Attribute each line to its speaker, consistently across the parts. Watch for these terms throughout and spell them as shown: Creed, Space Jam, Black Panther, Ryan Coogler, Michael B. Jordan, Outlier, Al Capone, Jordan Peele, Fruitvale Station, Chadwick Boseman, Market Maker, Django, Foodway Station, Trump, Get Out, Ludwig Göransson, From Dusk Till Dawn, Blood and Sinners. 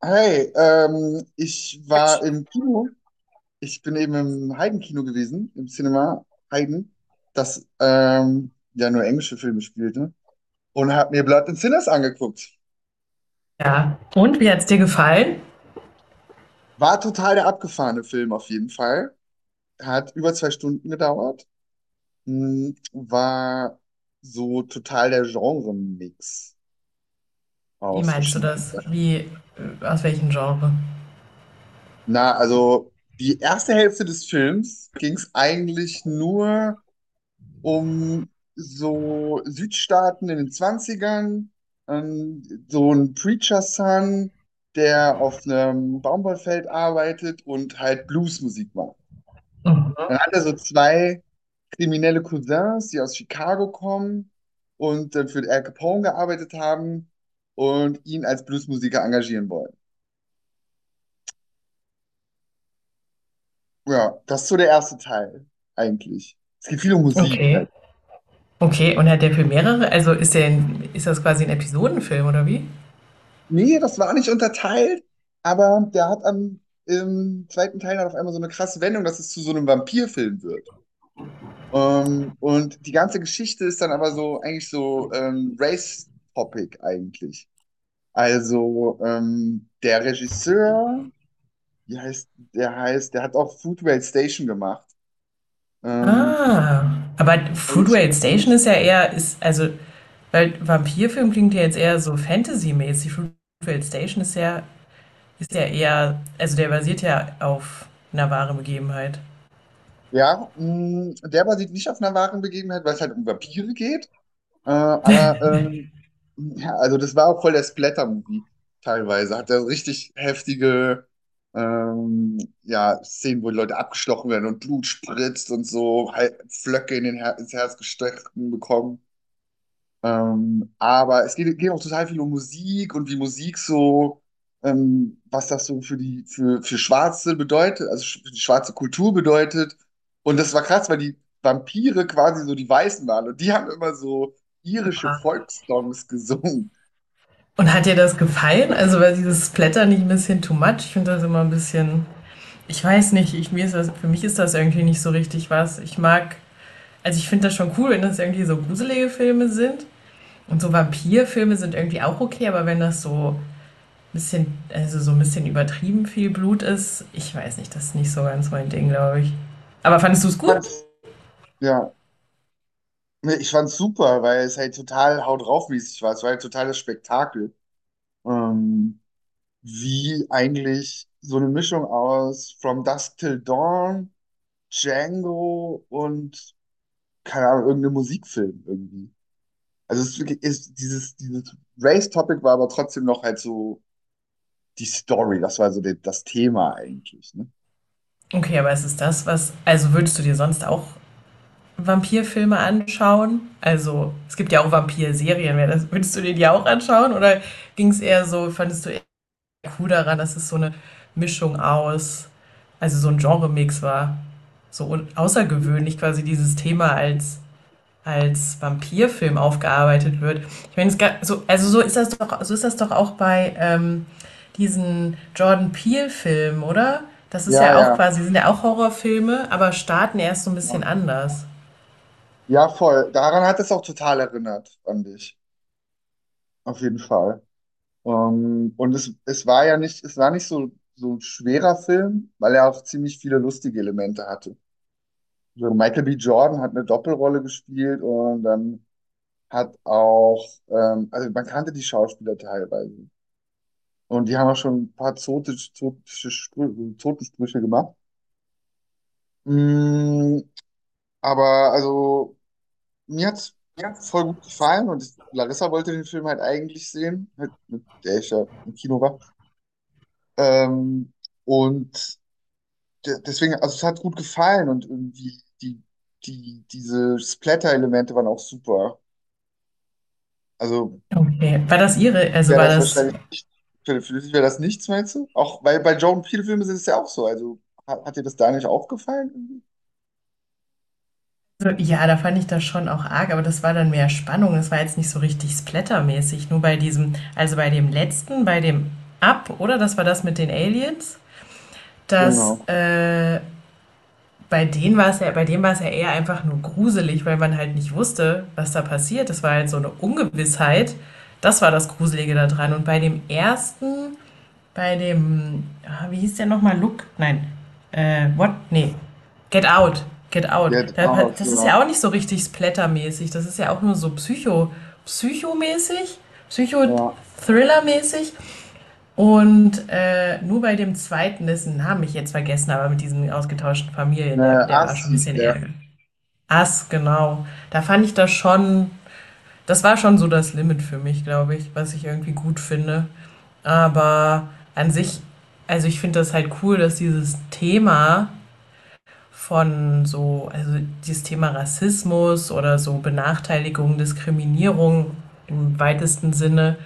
Speaker 1: Hey, ich war im Kino. Ich bin eben im Heiden-Kino gewesen, im Cinema Heiden, das ja nur englische Filme spielte. Und habe mir Blood and Sinners angeguckt.
Speaker 2: Ja. Und wie hat es dir gefallen?
Speaker 1: War total der abgefahrene Film auf jeden Fall. Hat über 2 Stunden gedauert. Hm. War so total der Genre-Mix
Speaker 2: Wie
Speaker 1: aus
Speaker 2: meinst du
Speaker 1: verschiedenen
Speaker 2: das?
Speaker 1: Sachen.
Speaker 2: Wie, aus welchem Genre?
Speaker 1: Na, also die erste Hälfte des Films ging es eigentlich nur um so Südstaaten in den Zwanzigern, ähm, so ein Preacher Son, der auf einem Baumwollfeld arbeitet und halt Bluesmusik macht.
Speaker 2: Mhm.
Speaker 1: Dann hat er so zwei kriminelle Cousins, die aus Chicago kommen und dann für Al Capone gearbeitet haben und ihn als Bluesmusiker engagieren wollen. Ja, das ist so der erste Teil eigentlich. Es geht viel um Musik
Speaker 2: Okay.
Speaker 1: halt.
Speaker 2: Okay, und hat der für mehrere? Also ist der ein, ist das quasi ein Episodenfilm oder wie?
Speaker 1: Nee, das war nicht unterteilt, aber der hat am im zweiten Teil dann auf einmal so eine krasse Wendung, dass es zu so einem Vampirfilm wird. Und die ganze Geschichte ist dann aber so eigentlich so Race-Topic eigentlich. Also der Regisseur, wie heißt, der hat auch Foodway Station gemacht. Ähm,
Speaker 2: Ah. Aber
Speaker 1: und
Speaker 2: Fruitvale Station ist ja eher, ist, also, weil Vampirfilm klingt ja jetzt eher so Fantasy-mäßig. Fruitvale Station ist ja eher, also der basiert ja auf einer wahren Begebenheit.
Speaker 1: ja, mh, der basiert nicht auf einer wahren Begebenheit, weil es halt um Vampire geht. Äh, aber ähm, ja, also das war auch voll der Splatter-Movie teilweise. Hat er richtig heftige ähm, ja, Szenen, wo die Leute abgestochen werden und Blut spritzt und so, halt Flöcke in den Her ins Herz gestochen bekommen. Aber es geht auch total viel um Musik und wie Musik so, was das so für für Schwarze bedeutet, also für die schwarze Kultur bedeutet. Und das war krass, weil die Vampire quasi so die Weißen waren und die haben immer so irische Volkssongs gesungen.
Speaker 2: Und hat dir das gefallen? Also war dieses Splatter nicht ein bisschen too much? Ich finde das immer ein bisschen, ich weiß nicht, ich, mir ist das, für mich ist das irgendwie nicht so richtig was. Ich mag, also ich finde das schon cool, wenn das irgendwie so gruselige Filme sind. Und so Vampirfilme sind irgendwie auch okay, aber wenn das so ein bisschen, also so ein bisschen übertrieben viel Blut ist, ich weiß nicht, das ist nicht so ganz mein Ding, glaube ich. Aber fandest du es
Speaker 1: Ich
Speaker 2: gut?
Speaker 1: fand's, ja, nee, ich fand's super, weil es halt total haut draufmäßig war. Es war halt total das Spektakel. Ähm, wie eigentlich so eine Mischung aus From Dusk Till Dawn, Django und, keine Ahnung, irgendein Musikfilm irgendwie. Also es ist wirklich, ist dieses Race-Topic war aber trotzdem noch halt so die Story, das war so das Thema eigentlich, ne?
Speaker 2: Okay, aber ist es das, was, also würdest du dir sonst auch Vampirfilme anschauen? Also, es gibt ja auch Vampirserien. Würdest du dir die auch anschauen? Oder ging es eher so, fandest du eher cool daran, dass es so eine Mischung aus, also so ein Genre-Mix war? Außergewöhnlich quasi dieses Thema als, als Vampirfilm aufgearbeitet wird. Ich meine, so, also so ist das doch, so ist das doch auch bei diesen Jordan Peele-Filmen, oder? Das ist
Speaker 1: Ja,
Speaker 2: ja auch
Speaker 1: ja,
Speaker 2: quasi, sind ja auch Horrorfilme, aber starten erst so ein
Speaker 1: ja.
Speaker 2: bisschen anders.
Speaker 1: Ja, voll. Daran hat es auch total erinnert, fand ich. Auf jeden Fall. Und es war ja nicht, es war nicht so, so ein schwerer Film, weil er auch ziemlich viele lustige Elemente hatte. So Michael B. Jordan hat eine Doppelrolle gespielt und dann hat auch, also man kannte die Schauspieler teilweise. Und die haben auch schon ein paar zotische Totensprüche gemacht. Mm, aber also, mir hat's voll gut gefallen und ich, Larissa wollte den Film halt eigentlich sehen, halt, mit der ich ja im Kino war. Ähm, und deswegen, also es hat gut gefallen und irgendwie diese Splatter-Elemente waren auch super. Also
Speaker 2: Okay, war das Ihre, also
Speaker 1: wäre
Speaker 2: war
Speaker 1: das
Speaker 2: das,
Speaker 1: wahrscheinlich nicht, für dich wäre das nichts, meinst du? Auch, weil bei Jordan Peele Filmen ist es ja auch so. Also hat dir das da nicht auch gefallen? Irgendwie?
Speaker 2: also, ja, da fand ich das schon auch arg, aber das war dann mehr Spannung. Es war jetzt nicht so richtig splattermäßig. Nur bei diesem, also bei dem letzten, bei dem Up, oder? Das war das mit den Aliens. Das
Speaker 1: Genau.
Speaker 2: Bei denen war es ja, bei dem war es ja eher einfach nur gruselig, weil man halt nicht wusste, was da passiert. Das war halt so eine Ungewissheit. Das war das Gruselige da dran. Und bei dem ersten, bei dem, ah, wie hieß der nochmal? Look? Nein. What? Nee. Get Out. Get Out.
Speaker 1: Get Out,
Speaker 2: Das ist
Speaker 1: ja.
Speaker 2: ja auch nicht so richtig splattermäßig. Das ist ja auch nur so psycho, psychomäßig, psycho
Speaker 1: Ja.
Speaker 2: mäßig Und nur bei dem zweiten, dessen Namen ich jetzt vergessen, aber mit diesen ausgetauschten Familien,
Speaker 1: Ne,
Speaker 2: der war
Speaker 1: Ass
Speaker 2: schon ein
Speaker 1: hieß
Speaker 2: bisschen
Speaker 1: der.
Speaker 2: ärgerlich. Ass, genau. Da fand ich das schon, das war schon so das Limit für mich, glaube ich, was ich irgendwie gut finde. Aber an sich, also ich finde das halt cool, dass dieses Thema von so, also dieses Thema Rassismus oder so Benachteiligung, Diskriminierung im weitesten Sinne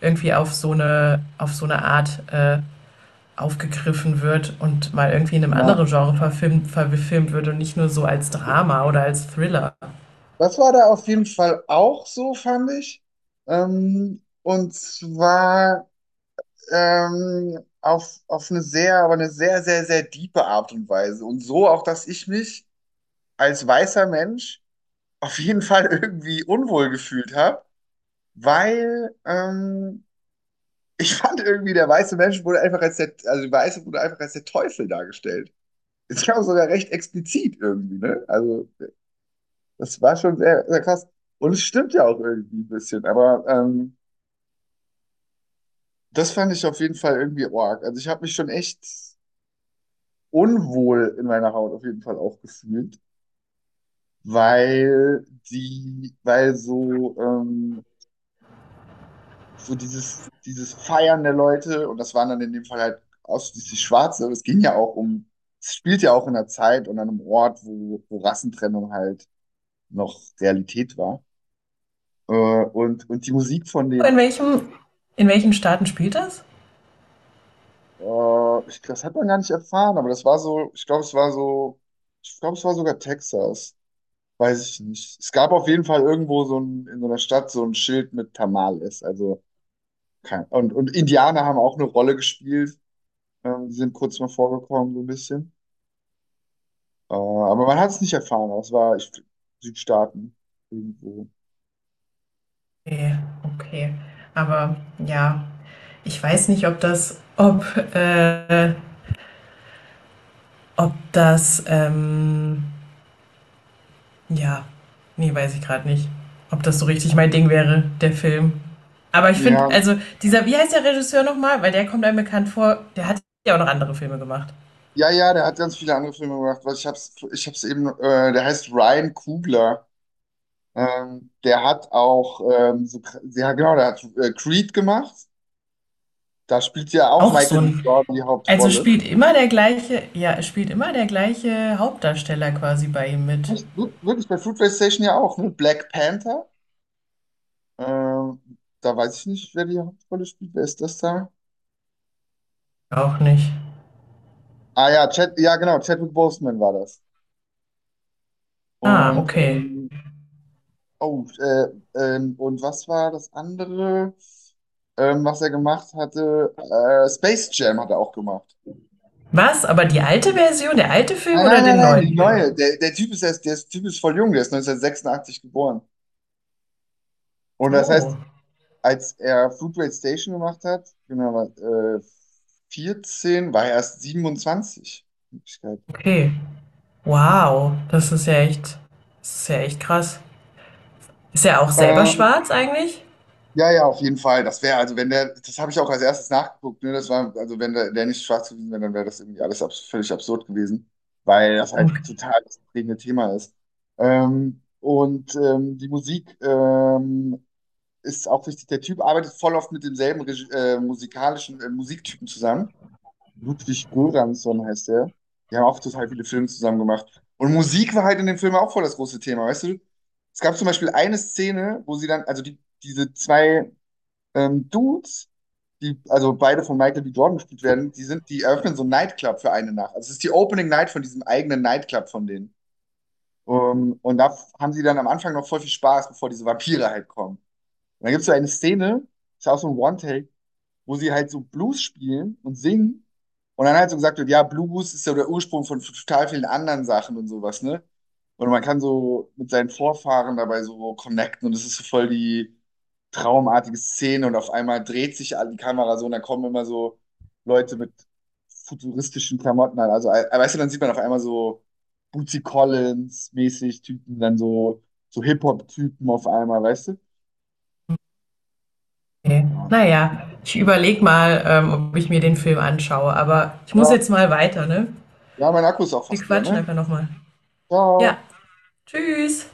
Speaker 2: irgendwie auf so eine Art aufgegriffen wird und mal irgendwie in einem
Speaker 1: Ja.
Speaker 2: anderen Genre verfilmt, verfilmt wird und nicht nur so als Drama oder als Thriller.
Speaker 1: Das war da auf jeden Fall auch so, fand ich. Und zwar. Auf eine sehr, aber eine sehr, sehr, sehr diepe Art und Weise. Und so auch, dass ich mich als weißer Mensch auf jeden Fall irgendwie unwohl gefühlt habe, weil ich fand irgendwie, der weiße Mensch wurde einfach als der, also der Weiße wurde einfach als der Teufel dargestellt. Ich glaube sogar recht explizit irgendwie, ne? Also das war schon sehr, sehr krass. Und es stimmt ja auch irgendwie ein bisschen, aber das fand ich auf jeden Fall irgendwie arg. Also ich habe mich schon echt unwohl in meiner Haut auf jeden Fall auch gefühlt, weil so, dieses Feiern der Leute, und das waren dann in dem Fall halt ausschließlich Schwarze, aber es ging ja auch um, es spielt ja auch in einer Zeit und an einem Ort, wo Rassentrennung halt noch Realität war. Und die Musik von
Speaker 2: In
Speaker 1: den,
Speaker 2: welchem, in welchen Staaten spielt das?
Speaker 1: ich, das hat man gar nicht erfahren, aber das war so, ich glaube, es war so, ich glaube, es war sogar Texas. Weiß ich nicht. Es gab auf jeden Fall irgendwo so ein, in so einer Stadt so ein Schild mit Tamales. Also kein, und Indianer haben auch eine Rolle gespielt. Die sind kurz mal vorgekommen, so ein bisschen. Aber man hat es nicht erfahren. Es war ich, Südstaaten irgendwo.
Speaker 2: Okay, okay. Aber ja, ich weiß nicht, ob das, ob, äh, ob das, ja, nee, weiß ich gerade nicht, ob das so richtig mein Ding wäre, der Film. Aber ich finde,
Speaker 1: Ja,
Speaker 2: also dieser, wie heißt der Regisseur nochmal? Weil der kommt einem bekannt vor, der hat ja auch noch andere Filme gemacht.
Speaker 1: ja, ja, der hat ganz viele andere Filme gemacht. Ich hab's eben, der heißt Ryan Coogler. Der hat auch, ja genau, der hat Creed gemacht. Da spielt ja auch
Speaker 2: Auch
Speaker 1: Michael
Speaker 2: so
Speaker 1: B.
Speaker 2: ein,
Speaker 1: Jordan die
Speaker 2: also
Speaker 1: Hauptrolle.
Speaker 2: spielt immer der gleiche, ja, es spielt immer der gleiche Hauptdarsteller quasi bei ihm mit.
Speaker 1: Echt, wirklich bei Fruitvale Station ja auch, ne? Black Panther. Ähm, da weiß ich nicht, wer die Hauptrolle spielt. Wer ist das da?
Speaker 2: Auch nicht.
Speaker 1: Ah ja, Chad, ja genau, Chadwick Boseman war das.
Speaker 2: Ah,
Speaker 1: Und
Speaker 2: okay.
Speaker 1: ähm, oh, äh, und was war das andere, was er gemacht hatte? Space Jam hat er auch gemacht.
Speaker 2: Was? Aber die alte Version, der alte Film
Speaker 1: Nein, nein,
Speaker 2: oder
Speaker 1: nein,
Speaker 2: den
Speaker 1: nein, die
Speaker 2: neuen Film?
Speaker 1: neue. Der Typ ist erst, der Typ ist voll jung, der ist 1986 geboren. Und das
Speaker 2: So,
Speaker 1: heißt, als er Fruitvale Station gemacht hat, genau, 14, war er erst 27.
Speaker 2: okay. Wow, das ist ja echt, das ist ja echt krass. Ist er auch selber
Speaker 1: Ähm,
Speaker 2: schwarz eigentlich?
Speaker 1: ja, ja, auf jeden Fall. Das wäre, also wenn der, das habe ich auch als erstes nachgeguckt, ne? Das war, also wenn der nicht schwarz gewesen wäre, dann wäre das irgendwie alles abs völlig absurd gewesen, weil das halt
Speaker 2: Okay.
Speaker 1: total das prägende Thema ist. Die Musik ist auch wichtig. Der Typ arbeitet voll oft mit demselben Regi musikalischen Musiktypen zusammen. Ludwig Göransson heißt der. Die haben auch total viele Filme zusammen gemacht. Und Musik war halt in dem Film auch voll das große Thema, weißt du? Es gab zum Beispiel eine Szene, wo sie dann, also die, diese zwei Dudes, die, also beide von Michael B. Jordan gespielt werden, die sind, die eröffnen so einen Nightclub für eine Nacht. Also es ist die Opening Night von diesem eigenen Nightclub von denen. Um, und da haben sie dann am Anfang noch voll viel Spaß, bevor diese Vampire halt kommen. Und dann gibt es so eine Szene, ist auch so ein One-Take, wo sie halt so Blues spielen und singen. Und dann halt so gesagt wird, ja, Blues ist ja der Ursprung von total vielen anderen Sachen und sowas, ne? Und man kann so mit seinen Vorfahren dabei so connecten und es ist so voll die traumartige Szene und auf einmal dreht sich die Kamera so und dann kommen immer so Leute mit futuristischen Klamotten an. Also, weißt du, dann sieht man auf einmal so Bootsy Collins-mäßig Typen, dann so, so Hip-Hop-Typen auf einmal, weißt du? Ja.
Speaker 2: Naja, ich überlege mal, ob ich mir den Film anschaue, aber ich muss
Speaker 1: Ja,
Speaker 2: jetzt mal weiter, ne?
Speaker 1: ja, mein Akku ist auch
Speaker 2: Wir
Speaker 1: fast leer,
Speaker 2: quatschen
Speaker 1: ne?
Speaker 2: einfach nochmal. Ja,
Speaker 1: Ciao.
Speaker 2: tschüss.